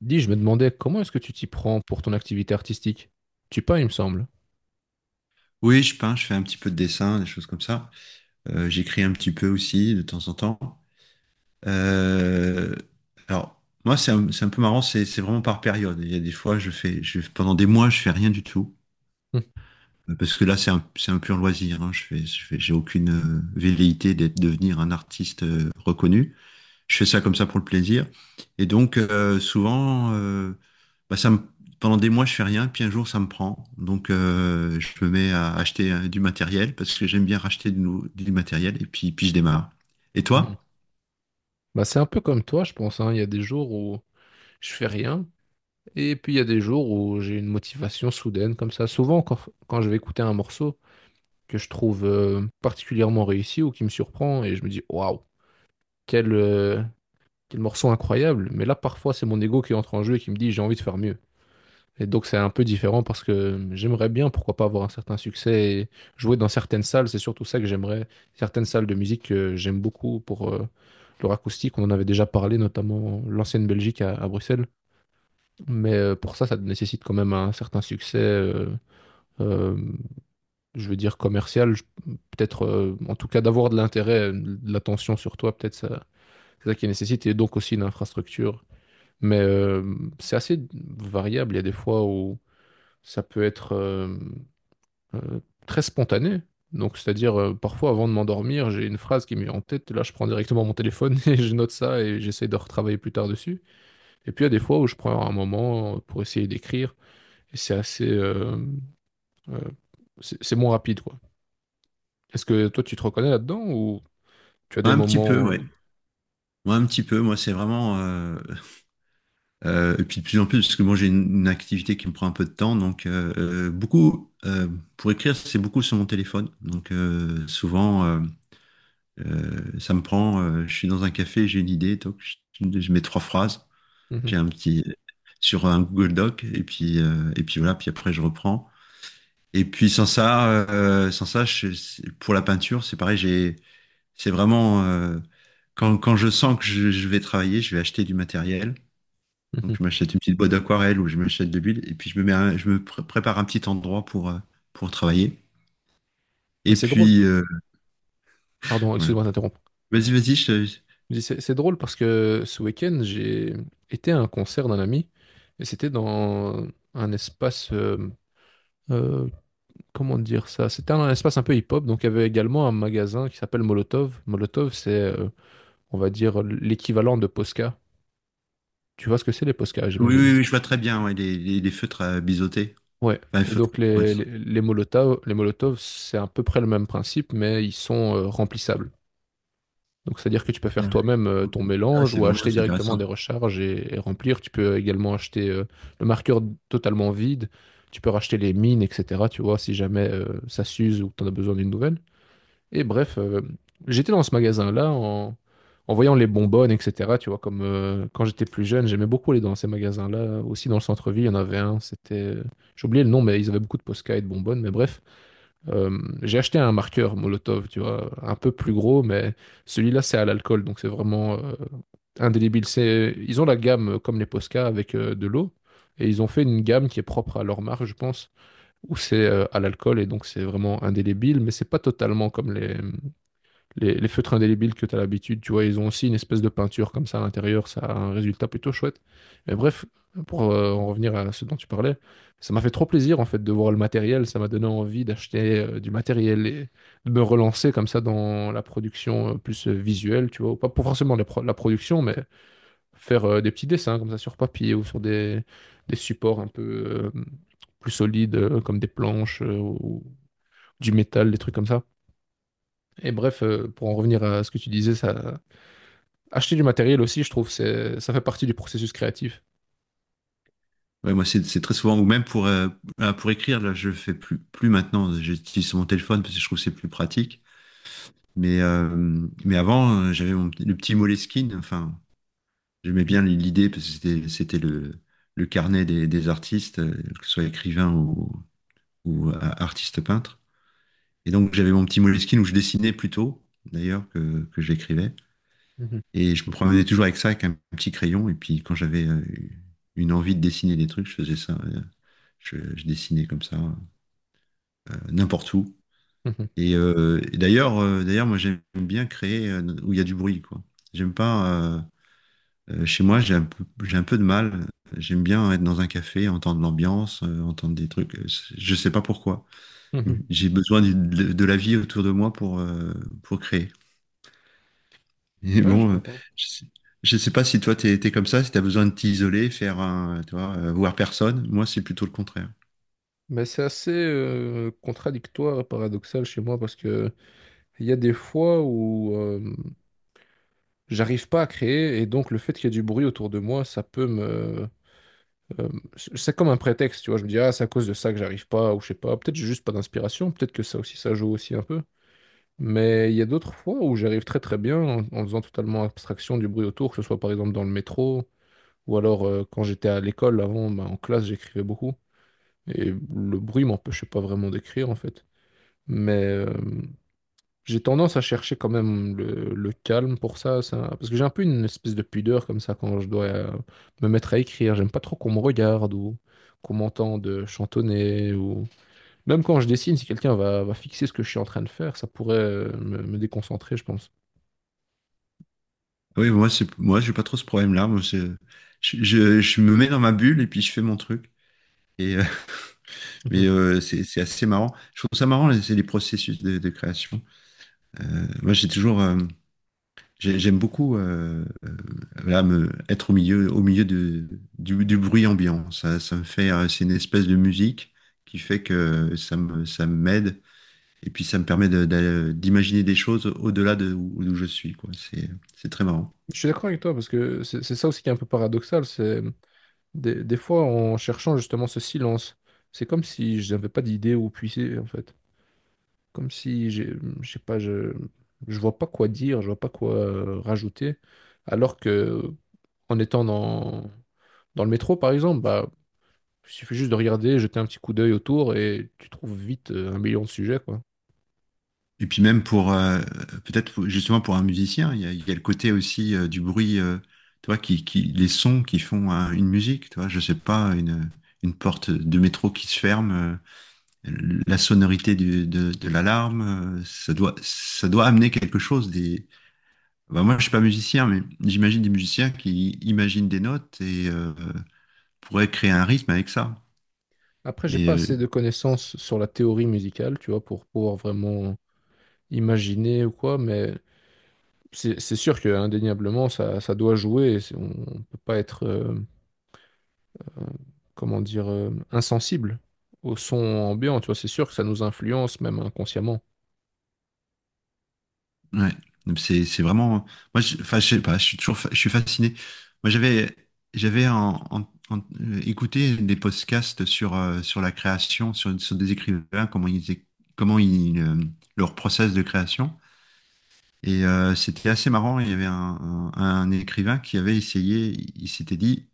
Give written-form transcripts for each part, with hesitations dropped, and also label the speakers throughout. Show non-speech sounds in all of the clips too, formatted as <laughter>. Speaker 1: Dis, je me demandais comment est-ce que tu t'y prends pour ton activité artistique? Tu peins, il me semble.
Speaker 2: Oui, je peins, je fais un petit peu de dessin, des choses comme ça. J'écris un petit peu aussi de temps en temps. Euh, alors, moi, c'est un peu marrant, c'est vraiment par période. Il y a des fois, pendant des mois, je fais rien du tout.
Speaker 1: Hum,
Speaker 2: Parce que là, c'est un pur loisir, hein. J'ai aucune velléité d'être devenir un artiste reconnu. Je fais ça comme ça pour le plaisir. Et donc, souvent, bah, ça me- pendant des mois, je fais rien, puis un jour, ça me prend. Donc, je me mets à acheter du matériel parce que j'aime bien racheter du matériel et puis je démarre. Et
Speaker 1: hum.
Speaker 2: toi?
Speaker 1: Bah, c'est un peu comme toi, je pense, hein. Il y a des jours où je fais rien, et puis il y a des jours où j'ai une motivation soudaine comme ça. Souvent, quand, quand je vais écouter un morceau que je trouve particulièrement réussi ou qui me surprend, et je me dis, waouh, quel, euh, quel morceau incroyable. Mais là, parfois, c'est mon ego qui entre en jeu et qui me dit, j'ai envie de faire mieux. Et donc c'est un peu différent parce que j'aimerais bien, pourquoi pas, avoir un certain succès et jouer dans certaines salles. C'est surtout ça que j'aimerais. Certaines salles de musique que j'aime beaucoup pour leur acoustique. On en avait déjà parlé, notamment l'ancienne Belgique à Bruxelles. Mais pour ça, ça nécessite quand même un certain succès, euh, je veux dire commercial. Peut-être, en tout cas, d'avoir de l'intérêt, de l'attention sur toi, peut-être ça, c'est ça qui nécessite. Et donc aussi une infrastructure. Mais c'est assez variable. Il y a des fois où ça peut être euh, très spontané. Donc, c'est-à-dire, parfois, avant de m'endormir, j'ai une phrase qui m'est en tête. Là, je prends directement mon téléphone <laughs> et je note ça et j'essaie de retravailler plus tard dessus. Et puis, il y a des fois où je prends un moment pour essayer d'écrire. Et c'est assez... euh, c'est moins rapide, quoi. Est-ce que toi, tu te reconnais là-dedans ou tu as
Speaker 2: Ouais,
Speaker 1: des
Speaker 2: un petit peu,
Speaker 1: moments...
Speaker 2: ouais. Moi, un petit peu. Moi, c'est vraiment. Et puis, de plus en plus, parce que moi, j'ai une activité qui me prend un peu de temps. Donc, beaucoup. Pour écrire, c'est beaucoup sur mon téléphone. Donc, souvent. Ça me prend, je suis dans un café, j'ai une idée, donc je mets trois phrases,
Speaker 1: mhm,
Speaker 2: j'ai un petit sur un Google Doc, et puis voilà, puis après je reprends. Et puis sans ça, pour la peinture, c'est pareil, c'est vraiment quand je sens que je vais travailler, je vais acheter du matériel. Donc je
Speaker 1: mhm.
Speaker 2: m'achète une petite boîte d'aquarelle ou je m'achète de l'huile, et puis je me mets, un- je me pr- prépare un petit endroit pour travailler.
Speaker 1: Mais
Speaker 2: Et
Speaker 1: c'est drôle.
Speaker 2: puis
Speaker 1: Pardon,
Speaker 2: voilà.
Speaker 1: excuse-moi d'interrompre.
Speaker 2: Vas-y, vas-y.
Speaker 1: Je dis, c'est drôle parce que ce week-end, j'ai été à un concert d'un ami et c'était dans un espace, euh, comment dire ça? C'était un espace un peu hip-hop, donc il y avait également un magasin qui s'appelle Molotov. Molotov, c'est, on va dire, l'équivalent de Posca. Tu vois ce que c'est les Posca,
Speaker 2: Oui,
Speaker 1: j'imagine.
Speaker 2: oui, oui, je vois très bien, ouais, les feutres à biseauter.
Speaker 1: Ouais,
Speaker 2: Enfin, les
Speaker 1: et
Speaker 2: feutres,
Speaker 1: donc
Speaker 2: ouais, c'est
Speaker 1: les Molotov, c'est à peu près le même principe, mais ils sont remplissables. Donc, c'est-à-dire que tu peux faire
Speaker 2: bien.
Speaker 1: toi-même ton
Speaker 2: Ah ouais,
Speaker 1: mélange ou acheter
Speaker 2: c'est
Speaker 1: directement
Speaker 2: intéressant.
Speaker 1: des recharges et remplir. Tu peux également acheter le marqueur totalement vide. Tu peux racheter les mines, etc. Tu vois, si jamais ça s'use ou que tu en as besoin d'une nouvelle. Et bref, j'étais dans ce magasin-là en, en voyant les bonbonnes, etc. Tu vois, comme quand j'étais plus jeune, j'aimais beaucoup aller dans ces magasins-là. Aussi dans le centre-ville, il y en avait un. J'ai oublié le nom, mais ils avaient beaucoup de Posca et de bonbonnes. Mais bref. J'ai acheté un marqueur Molotov, tu vois, un peu plus gros, mais celui-là, c'est à l'alcool, donc c'est vraiment indélébile. C'est, ils ont la gamme comme les Posca avec de l'eau, et ils ont fait une gamme qui est propre à leur marque, je pense, où c'est à l'alcool, et donc c'est vraiment indélébile, mais c'est pas totalement comme les feutres indélébiles que tu as l'habitude, tu vois, ils ont aussi une espèce de peinture comme ça à l'intérieur, ça a un résultat plutôt chouette. Mais bref, pour en revenir à ce dont tu parlais, ça m'a fait trop plaisir en fait de voir le matériel, ça m'a donné envie d'acheter du matériel et de me relancer comme ça dans la production plus visuelle, tu vois, ou pas pour forcément la production, mais faire des petits dessins comme ça sur papier ou sur des supports un peu plus solides comme des planches ou du métal, des trucs comme ça. Et bref, pour en revenir à ce que tu disais, ça, acheter du matériel aussi, je trouve, c'est, ça fait partie du processus créatif.
Speaker 2: Ouais, moi, c'est très souvent, ou même pour, pour écrire, là, je le fais plus maintenant. J'utilise mon téléphone parce que je trouve que c'est plus pratique. Mais avant, j'avais le petit Moleskine. Enfin, j'aimais bien l'idée parce que c'était le carnet des artistes, que ce soit écrivain ou artiste peintre. Et donc, j'avais mon petit Moleskine où je dessinais plutôt, d'ailleurs, que j'écrivais.
Speaker 1: Mhm,
Speaker 2: Et je me promenais toujours avec ça, avec un petit crayon. Et puis quand j'avais une envie de dessiner des trucs, je faisais ça. Je dessinais comme ça, n'importe où.
Speaker 1: mhm,
Speaker 2: Et d'ailleurs, moi j'aime bien créer où il y a du bruit, quoi. J'aime pas. Chez moi, j'ai un peu de mal. J'aime bien être dans un café, entendre l'ambiance, entendre des trucs. Je sais pas pourquoi.
Speaker 1: mhm.
Speaker 2: J'ai besoin de la vie autour de moi pour créer. Et
Speaker 1: Ouais, je
Speaker 2: bon,
Speaker 1: comprends.
Speaker 2: je sais, je sais pas si toi t'es comme ça, si t'as besoin de t'isoler, tu vois, voir personne. Moi, c'est plutôt le contraire.
Speaker 1: Mais c'est assez contradictoire et paradoxal chez moi parce que il y a des fois où j'arrive pas à créer et donc le fait qu'il y ait du bruit autour de moi, ça peut me... euh, c'est comme un prétexte, tu vois. Je me dis, ah, c'est à cause de ça que j'arrive pas ou je sais pas. Peut-être j'ai juste pas d'inspiration, peut-être que ça aussi, ça joue aussi un peu. Mais il y a d'autres fois où j'arrive très très bien en, en faisant totalement abstraction du bruit autour, que ce soit par exemple dans le métro. Ou alors, quand j'étais à l'école, avant, bah, en classe, j'écrivais beaucoup. Et le bruit m'empêchait pas vraiment d'écrire, en fait. Mais j'ai tendance à chercher quand même le calme pour ça, ça. Parce que j'ai un peu une espèce de pudeur comme ça quand je dois me mettre à écrire. J'aime pas trop qu'on me regarde ou qu'on m'entende chantonner. Ou... Même quand je dessine, si quelqu'un va, va fixer ce que je suis en train de faire, ça pourrait me déconcentrer, je pense.
Speaker 2: Ah oui, moi, moi, j'ai pas trop ce problème-là. Moi, je me mets dans ma bulle et puis je fais mon truc. Et, euh, <laughs>
Speaker 1: Mhm.
Speaker 2: mais c'est assez marrant. Je trouve ça marrant, c'est les processus de création. Moi, j'aime beaucoup voilà, être au milieu du bruit ambiant. Ça me fait, c'est une espèce de musique qui fait que ça m'aide et puis ça me permet d'imaginer des choses au-delà d'où je suis, quoi. C'est très marrant.
Speaker 1: Je suis d'accord avec toi, parce que c'est ça aussi qui est un peu paradoxal. C'est des fois, en cherchant justement ce silence, c'est comme si je n'avais pas d'idée où puiser, en fait. Comme si j'ai, je sais pas, je vois pas quoi dire, je vois pas quoi rajouter. Alors que, en étant dans, dans le métro, par exemple, bah, il suffit juste de regarder, jeter un petit coup d'œil autour et tu trouves vite 1 million de sujets, quoi.
Speaker 2: Et puis même pour, justement pour un musicien, il y a le côté aussi du bruit, tu vois, les sons qui font une musique, tu vois. Je sais pas, une porte de métro qui se ferme. La sonorité de l'alarme, ça doit amener quelque chose. Bah, moi, je suis pas musicien, mais j'imagine des musiciens qui imaginent des notes et pourraient créer un rythme avec ça.
Speaker 1: Après, j'ai
Speaker 2: Mais
Speaker 1: pas
Speaker 2: euh,
Speaker 1: assez de connaissances sur la théorie musicale, tu vois, pour pouvoir vraiment imaginer ou quoi, mais c'est sûr que indéniablement ça, ça doit jouer. On ne peut pas être, euh, comment dire, insensible au son ambiant. Tu vois, c'est sûr que ça nous influence même inconsciemment.
Speaker 2: ouais, Donc, c'est vraiment. Moi, enfin, je sais pas, je suis fasciné. Moi, j'avais écouté des podcasts sur la création, sur des écrivains, comment ils, leur process de création. Et c'était assez marrant. Il y avait un écrivain qui avait essayé, il s'était dit,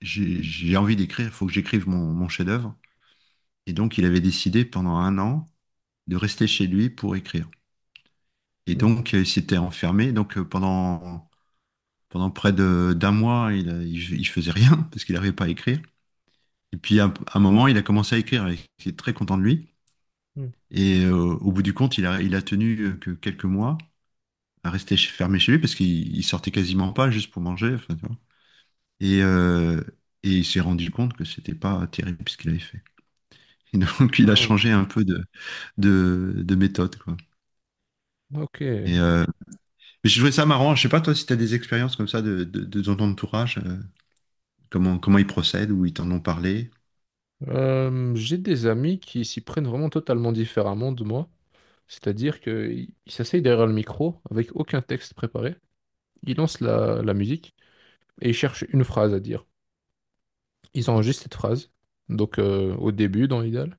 Speaker 2: j'ai envie d'écrire, il faut que j'écrive mon chef-d'œuvre. Et donc, il avait décidé pendant un an de rester chez lui pour écrire. Et
Speaker 1: Hmm,
Speaker 2: donc, il s'était enfermé. Donc, pendant près d'un mois, il faisait rien <laughs> parce qu'il n'arrivait pas à écrire. Et puis, à un moment, il a commencé à écrire. Il était très content de lui.
Speaker 1: hmm,
Speaker 2: Et au bout du compte, il a tenu que quelques mois à rester fermé chez lui parce qu'il il sortait quasiment pas juste pour manger. Enfin. Et, euh, et il s'est rendu compte que c'était pas terrible ce qu'il avait fait. Et donc, il a
Speaker 1: hmm.
Speaker 2: changé un peu de méthode, quoi.
Speaker 1: Ok.
Speaker 2: Et euh, mais j'ai trouvé ça marrant. Je sais pas, toi, si tu as des expériences comme ça de ton entourage, comment ils procèdent, ou ils t'en ont parlé.
Speaker 1: J'ai des amis qui s'y prennent vraiment totalement différemment de moi. C'est-à-dire qu'ils s'asseyent derrière le micro avec aucun texte préparé. Ils lancent la, la musique et ils cherchent une phrase à dire. Ils enregistrent cette phrase. Donc au début dans l'idéal.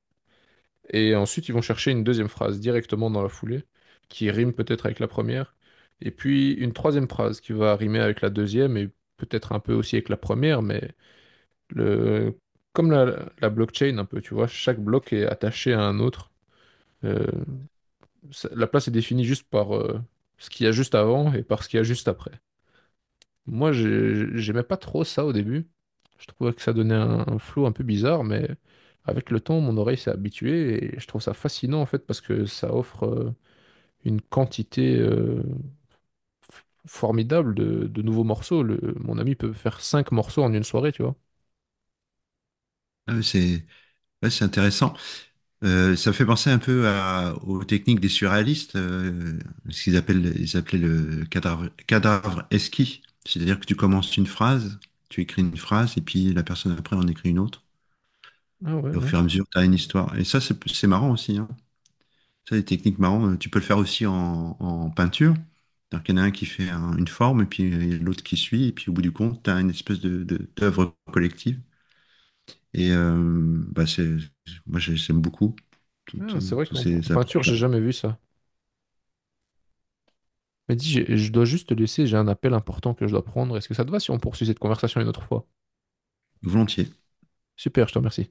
Speaker 1: Et ensuite, ils vont chercher une deuxième phrase directement dans la foulée, qui rime peut-être avec la première, et puis une troisième phrase qui va rimer avec la deuxième, et peut-être un peu aussi avec la première, mais le... comme la blockchain un peu, tu vois, chaque bloc est attaché à un autre. Euh, ça- la place est définie juste par ce qu'il y a juste avant et par ce qu'il y a juste après. Moi, j'aimais pas trop ça au début. Je trouvais que ça donnait un flow un peu bizarre, mais avec le temps, mon oreille s'est habituée et je trouve ça fascinant en fait parce que ça offre une quantité formidable de nouveaux morceaux. Mon ami peut faire 5 morceaux en une soirée, tu vois.
Speaker 2: Ah ouais, c'est intéressant. Ça fait penser un peu aux techniques des surréalistes, ils appelaient le cadavre esquis. C'est-à-dire que tu commences une phrase, tu écris une phrase, et puis la personne après en écrit une autre.
Speaker 1: Ah ouais,
Speaker 2: Et au
Speaker 1: ouais.
Speaker 2: fur et à mesure, tu as une histoire. Et ça, c'est marrant aussi, hein. Ça, les techniques marrantes, tu peux le faire aussi en peinture. C'est-à-dire qu'il y en a un qui fait une forme, et puis l'autre qui suit, et puis au bout du compte, tu as une espèce d'œuvre collective. Et euh, bah, c'est, Moi, j'aime beaucoup
Speaker 1: Ah, c'est vrai
Speaker 2: tous
Speaker 1: qu'en en
Speaker 2: ces
Speaker 1: peinture,
Speaker 2: approches.
Speaker 1: j'ai jamais vu ça. Mais dis, je dois juste te laisser, j'ai un appel important que je dois prendre. Est-ce que ça te va si on poursuit cette conversation une autre fois?
Speaker 2: Volontiers.
Speaker 1: Super, je te remercie.